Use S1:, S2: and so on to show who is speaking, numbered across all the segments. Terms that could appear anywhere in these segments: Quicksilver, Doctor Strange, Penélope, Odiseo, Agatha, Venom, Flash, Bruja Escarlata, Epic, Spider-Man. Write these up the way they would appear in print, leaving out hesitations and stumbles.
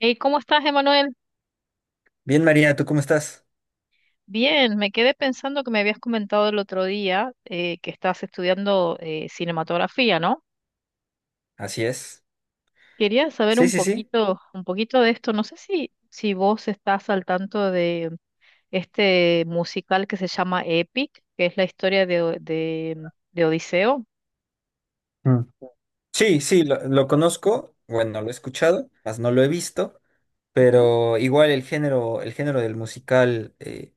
S1: Hey, ¿cómo estás, Emanuel?
S2: Bien, María, ¿tú cómo estás?
S1: Bien, me quedé pensando que me habías comentado el otro día que estás estudiando cinematografía, ¿no?
S2: Así es.
S1: Quería saber
S2: Sí, sí, sí.
S1: un poquito de esto. No sé si vos estás al tanto de este musical que se llama Epic, que es la historia de, de Odiseo.
S2: Mm. Sí, sí, lo conozco. Bueno, lo he escuchado, más no lo he visto,
S1: Ujú.
S2: pero igual el género del musical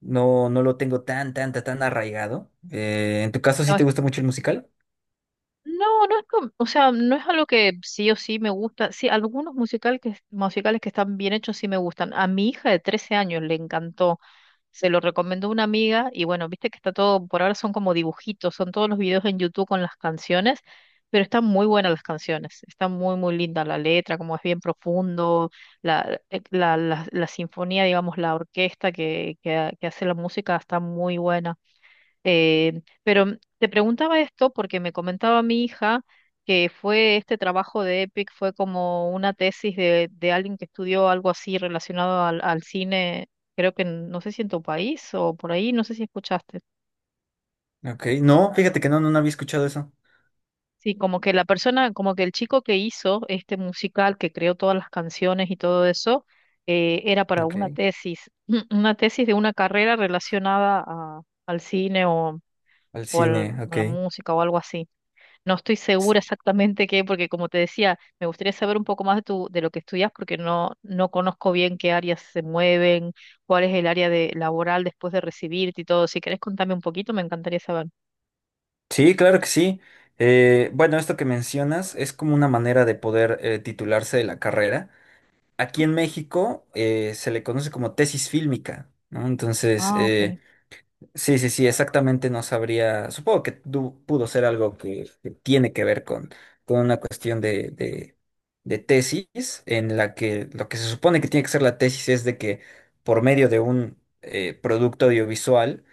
S2: no, no lo tengo tan, tan, tan, tan arraigado. ¿En tu caso sí
S1: No,
S2: te gusta mucho el musical?
S1: No, no es o sea, no es algo que sí o sí me gusta. Sí, algunos musicales que están bien hechos sí me gustan. A mi hija de 13 años le encantó. Se lo recomendó una amiga y bueno, viste que está todo, por ahora son como dibujitos, son todos los videos en YouTube con las canciones, pero están muy buenas las canciones. Está muy, muy linda la letra, como es bien profundo, la sinfonía, digamos, la orquesta que hace la música está muy buena. Pero te preguntaba esto porque me comentaba mi hija que fue este trabajo de EPIC, fue como una tesis de alguien que estudió algo así relacionado al cine, creo que no sé si en tu país o por ahí, no sé si escuchaste.
S2: Ok, no, fíjate que no, no, no había escuchado eso.
S1: Sí, como que la persona, como que el chico que hizo este musical, que creó todas las canciones y todo eso, era para
S2: Ok,
S1: una tesis, una tesis de una carrera relacionada al cine o,
S2: al cine,
S1: a
S2: ok.
S1: la música o algo así. No estoy segura exactamente qué, porque como te decía, me gustaría saber un poco más de de lo que estudias, porque no conozco bien qué áreas se mueven, cuál es el área de laboral después de recibirte y todo. Si querés contarme un poquito, me encantaría saber.
S2: Sí, claro que sí. Bueno, esto que mencionas es como una manera de poder titularse de la carrera. Aquí
S1: Ujú.
S2: en México se le conoce como tesis fílmica, ¿no? Entonces,
S1: Ah, ok.
S2: sí, sí, sí, exactamente no sabría, supongo que pudo ser algo que tiene que ver con una cuestión de tesis, en la que lo que se supone que tiene que ser la tesis es de que por medio de un producto audiovisual,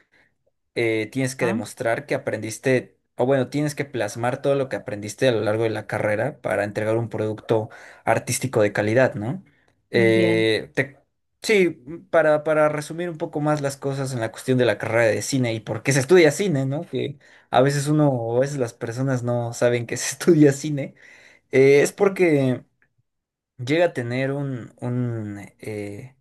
S2: tienes que
S1: Ah,
S2: demostrar que aprendiste, o bueno, tienes que plasmar todo lo que aprendiste a lo largo de la carrera para entregar un producto artístico de calidad, ¿no?
S1: bien.
S2: Eh, te- sí, para resumir un poco más las cosas en la cuestión de la carrera de cine y por qué se estudia cine, ¿no? Que a veces uno o a veces las personas no saben que se estudia cine, es
S1: Mm.
S2: porque llega a tener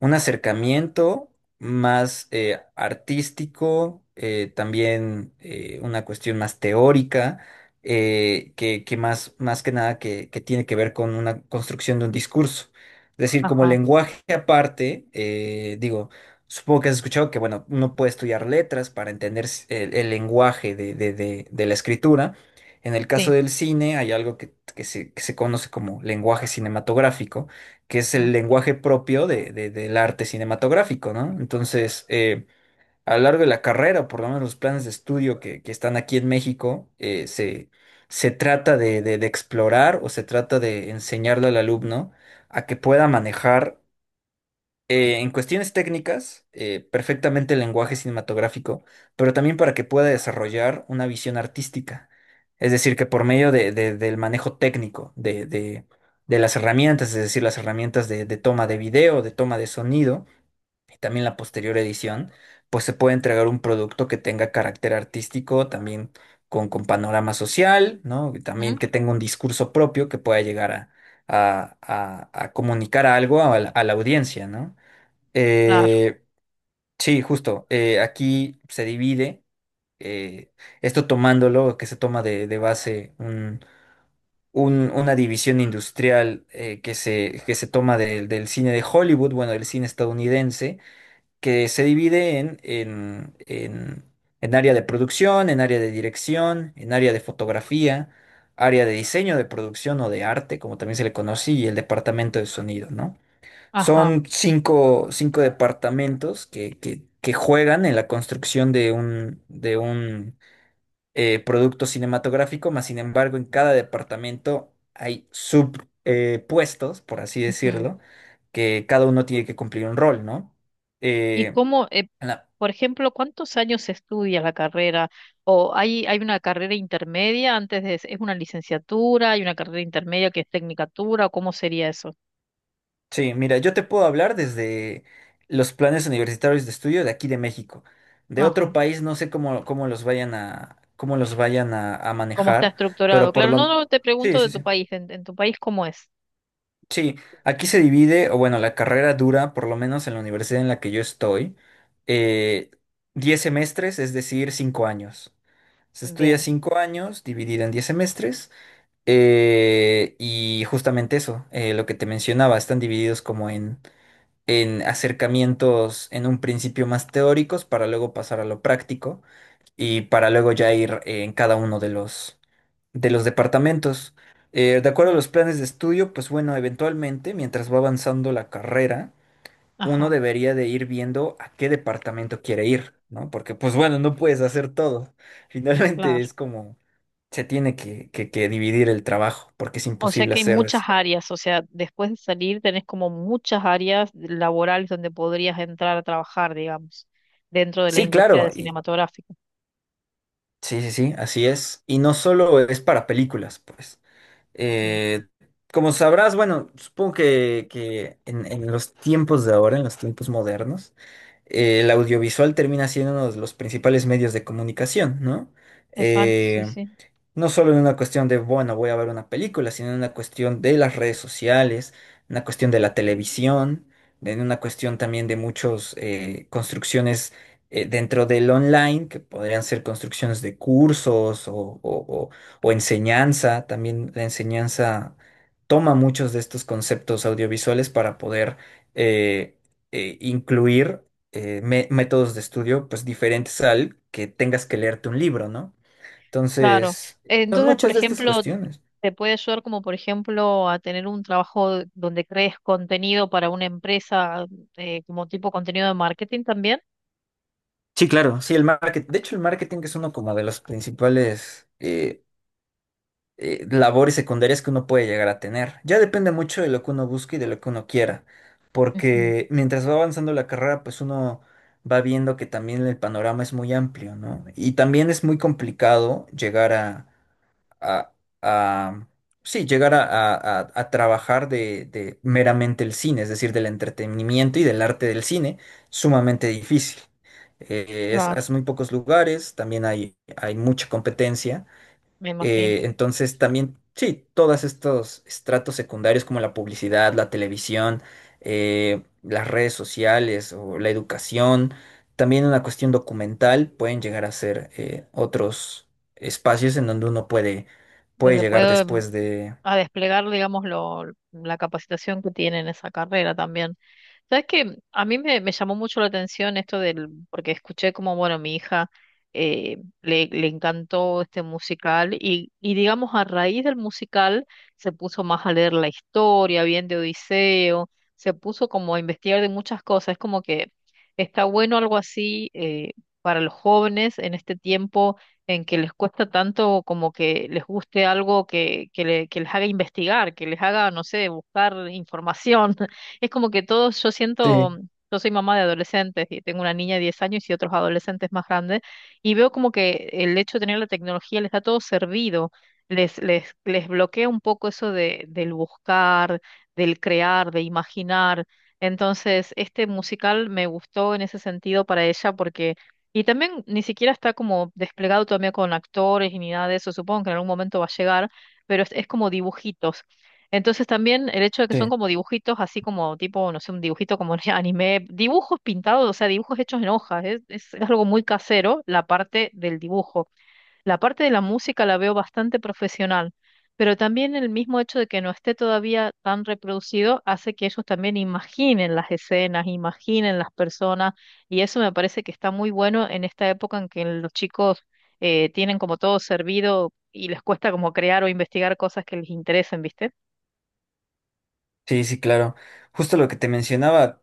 S2: un acercamiento más artístico, también una cuestión más teórica, que más, más que nada que, que tiene que ver con una construcción de un discurso. Es decir, como
S1: Ajá.
S2: lenguaje aparte, digo, supongo que has escuchado que, bueno, uno puede estudiar letras para entender el lenguaje de la escritura. En el caso
S1: Sí.
S2: del cine hay algo que se conoce como lenguaje cinematográfico que es
S1: Ujú.
S2: el lenguaje propio de, del arte cinematográfico, ¿no? Entonces, a lo largo de la carrera, o por lo menos los planes de estudio que están aquí en México, se, se trata de, de explorar o se trata de enseñarle al alumno a que pueda manejar en cuestiones técnicas, perfectamente el lenguaje cinematográfico, pero también para que pueda desarrollar una visión artística. Es decir, que por medio del manejo técnico, de las herramientas, es decir, las herramientas de toma de video, de toma de sonido y también la posterior edición, pues se puede entregar un producto que tenga carácter artístico, también con panorama social, ¿no? Y también
S1: Ujú.
S2: que tenga un discurso propio que pueda llegar a, a comunicar algo a la audiencia, ¿no?
S1: Claro.
S2: Eh, sí, justo. Aquí se divide, eh, esto tomándolo, que se toma de base una división industrial que se toma del del cine de Hollywood, bueno, del cine estadounidense, que se divide en área de producción, en área de dirección, en área de fotografía, área de diseño de producción o de arte, como también se le conoce, y el departamento de sonido, ¿no?
S1: Ajá.
S2: Son cinco, cinco departamentos que juegan en la construcción de un producto cinematográfico, mas sin embargo, en cada departamento hay subpuestos, por así
S1: Ujú.
S2: decirlo, que cada uno tiene que cumplir un rol, ¿no?
S1: ¿Y
S2: Eh,
S1: cómo,
S2: en la-
S1: por ejemplo, cuántos años se estudia la carrera? ¿O hay una carrera intermedia antes de, es una licenciatura, hay una carrera intermedia que es tecnicatura, o cómo sería eso?
S2: sí, mira, yo te puedo hablar desde los planes universitarios de estudio de aquí de México. De otro
S1: Ajá.
S2: país no sé cómo, cómo los vayan a, cómo los vayan a
S1: ¿Cómo está
S2: manejar,
S1: estructurado?
S2: pero por
S1: Claro, no,
S2: lo...
S1: no, te
S2: Sí,
S1: pregunto de
S2: sí,
S1: tu
S2: sí.
S1: país, en tu país cómo es.
S2: Sí, aquí se divide, o bueno, la carrera dura, por lo menos en la universidad en la que yo estoy, eh, 10 semestres, es decir, 5 años. Se estudia
S1: Bien.
S2: 5 años, dividida en 10 semestres, y justamente eso, lo que te mencionaba, están divididos como en acercamientos en un principio más teóricos para luego pasar a lo práctico y para luego ya ir en cada uno de los departamentos. De acuerdo a
S1: Mm,
S2: los planes de estudio, pues bueno, eventualmente, mientras va avanzando la carrera, uno
S1: ajá,
S2: debería de ir viendo a qué departamento quiere ir, ¿no? Porque pues bueno, no puedes hacer todo. Finalmente
S1: claro.
S2: es como se tiene que dividir el trabajo, porque es
S1: O sea
S2: imposible
S1: que hay
S2: hacer.
S1: muchas áreas, o sea, después de salir tenés como muchas áreas laborales donde podrías entrar a trabajar, digamos, dentro de la
S2: Sí,
S1: industria de
S2: claro, y
S1: cinematográfica.
S2: sí, sí, sí, así es. Y no solo es para películas, pues.
S1: Ujú.
S2: Eh, como sabrás, bueno, supongo que en los tiempos de ahora, en los tiempos modernos, el audiovisual termina siendo uno de los principales medios de comunicación, ¿no?
S1: Exacto, sí,
S2: Eh,
S1: sí.
S2: no solo en una cuestión de, bueno, voy a ver una película, sino en una cuestión de las redes sociales, una cuestión de la televisión, en una cuestión también de muchas construcciones dentro del online, que podrían ser construcciones de cursos o, o- o- o enseñanza. También la enseñanza toma muchos de estos conceptos audiovisuales para poder eh, incluir métodos de estudio pues diferentes al que tengas que leerte un libro, ¿no?
S1: Claro.
S2: Entonces, son
S1: Entonces, por
S2: muchas de estas
S1: ejemplo,
S2: cuestiones.
S1: te puede ayudar como, por ejemplo, a tener un trabajo donde crees contenido para una empresa, como tipo contenido de marketing también.
S2: Sí, claro, sí, el marketing. De hecho, el marketing es uno como de los principales labores secundarias que uno puede llegar a tener. Ya depende mucho de lo que uno busque y de lo que uno quiera,
S1: Ujú,
S2: porque mientras va avanzando la carrera, pues uno va viendo que también el panorama es muy amplio, ¿no? Y también es muy complicado llegar a, a- sí, llegar a, a trabajar de meramente el cine, es decir, del entretenimiento y del arte del cine, sumamente difícil.
S1: claro,
S2: Es muy pocos lugares, también hay mucha competencia.
S1: me imagino.
S2: Entonces también, sí, todos estos estratos secundarios como la publicidad, la televisión, las redes sociales o la educación, también una cuestión documental pueden llegar a ser otros espacios en donde uno puede, puede
S1: Donde
S2: llegar
S1: puede mm,
S2: después de...
S1: a desplegar, digamos, la capacitación que tiene en esa carrera también. Sabes que a me llamó mucho la atención esto del, porque escuché como, bueno, mi hija eh, le encantó este musical y digamos a raíz del musical se puso más a leer la historia, bien de Odiseo, se puso como a investigar de muchas cosas, es como que está bueno algo así para los jóvenes en este tiempo en que les cuesta tanto como que les guste algo que les haga investigar, que les haga, no sé, buscar información. Es como que todos, yo
S2: Sí,
S1: siento, yo soy mamá de adolescentes y tengo una niña de 10 años y otros adolescentes más grandes, y veo como que el hecho de tener la tecnología les da todo servido, les bloquea un poco eso del buscar, del crear, de imaginar. Entonces, este musical me gustó en ese sentido para ella porque, y también ni siquiera está como desplegado todavía con actores y ni nada de eso, supongo que en algún momento va a llegar, pero es como dibujitos. Entonces también el hecho de que son
S2: sí.
S1: como dibujitos, así como tipo, no sé, un dibujito como de anime, dibujos pintados, o sea, dibujos hechos en hojas, es algo muy casero la parte del dibujo. La parte de la música la veo bastante profesional, pero también el mismo hecho de que no esté todavía tan reproducido hace que ellos también imaginen las escenas, imaginen las personas, y eso me parece que está muy bueno en esta época en que los chicos tienen como todo servido y les cuesta como crear o investigar cosas que les interesen, ¿viste?
S2: Sí, sí, claro. Justo lo que te mencionaba.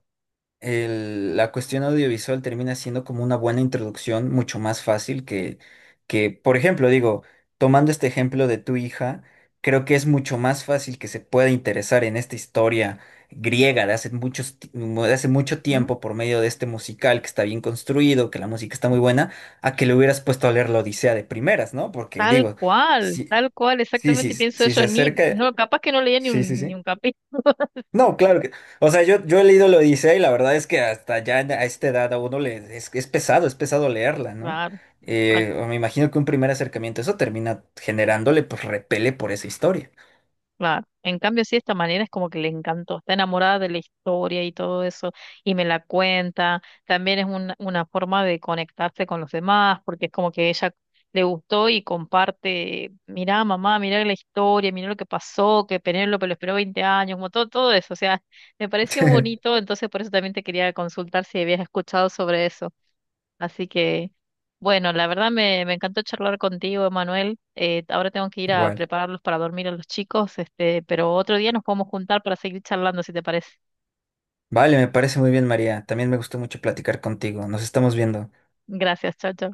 S2: La cuestión audiovisual termina siendo como una buena introducción, mucho más fácil que, por ejemplo, digo, tomando este ejemplo de tu hija, creo que es mucho más fácil que se pueda interesar en esta historia griega de hace muchos, de hace mucho
S1: Ujú.
S2: tiempo por medio de este musical que está bien construido, que la música está muy buena, a que le hubieras puesto a leer la Odisea de primeras, ¿no? Porque digo, si,
S1: Tal cual,
S2: sí, sí,
S1: exactamente
S2: sí,
S1: pienso
S2: si se
S1: eso, ni,
S2: acerca,
S1: no, capaz que no leía
S2: sí, sí,
S1: ni
S2: sí.
S1: un capítulo.
S2: No, claro que. O sea, yo he leído la Odisea y la verdad es que hasta ya a esta edad a uno le es pesado leerla, ¿no?
S1: Sí, claro,
S2: Me imagino que un primer acercamiento, eso termina generándole, pues, repele por esa historia.
S1: claro. En cambio, sí, esta manera es como que le encantó, está enamorada de la historia y todo eso, y me la cuenta. También es una forma de conectarse con los demás, porque es como que ella le gustó y comparte, mirá mamá, mirá la historia, mirá lo que pasó, que Penélope lo esperó 20 años, como todo, todo eso. O sea, me pareció bonito, entonces por eso también te quería consultar si habías escuchado sobre eso. Así que, bueno, la verdad me encantó charlar contigo, Emanuel. Ahora tengo que ir a
S2: Igual.
S1: prepararlos para dormir a los chicos, este, pero otro día nos podemos juntar para seguir charlando, si te parece.
S2: Vale, me parece muy bien, María. También me gustó mucho platicar contigo. Nos estamos viendo.
S1: Gracias, chao, chao.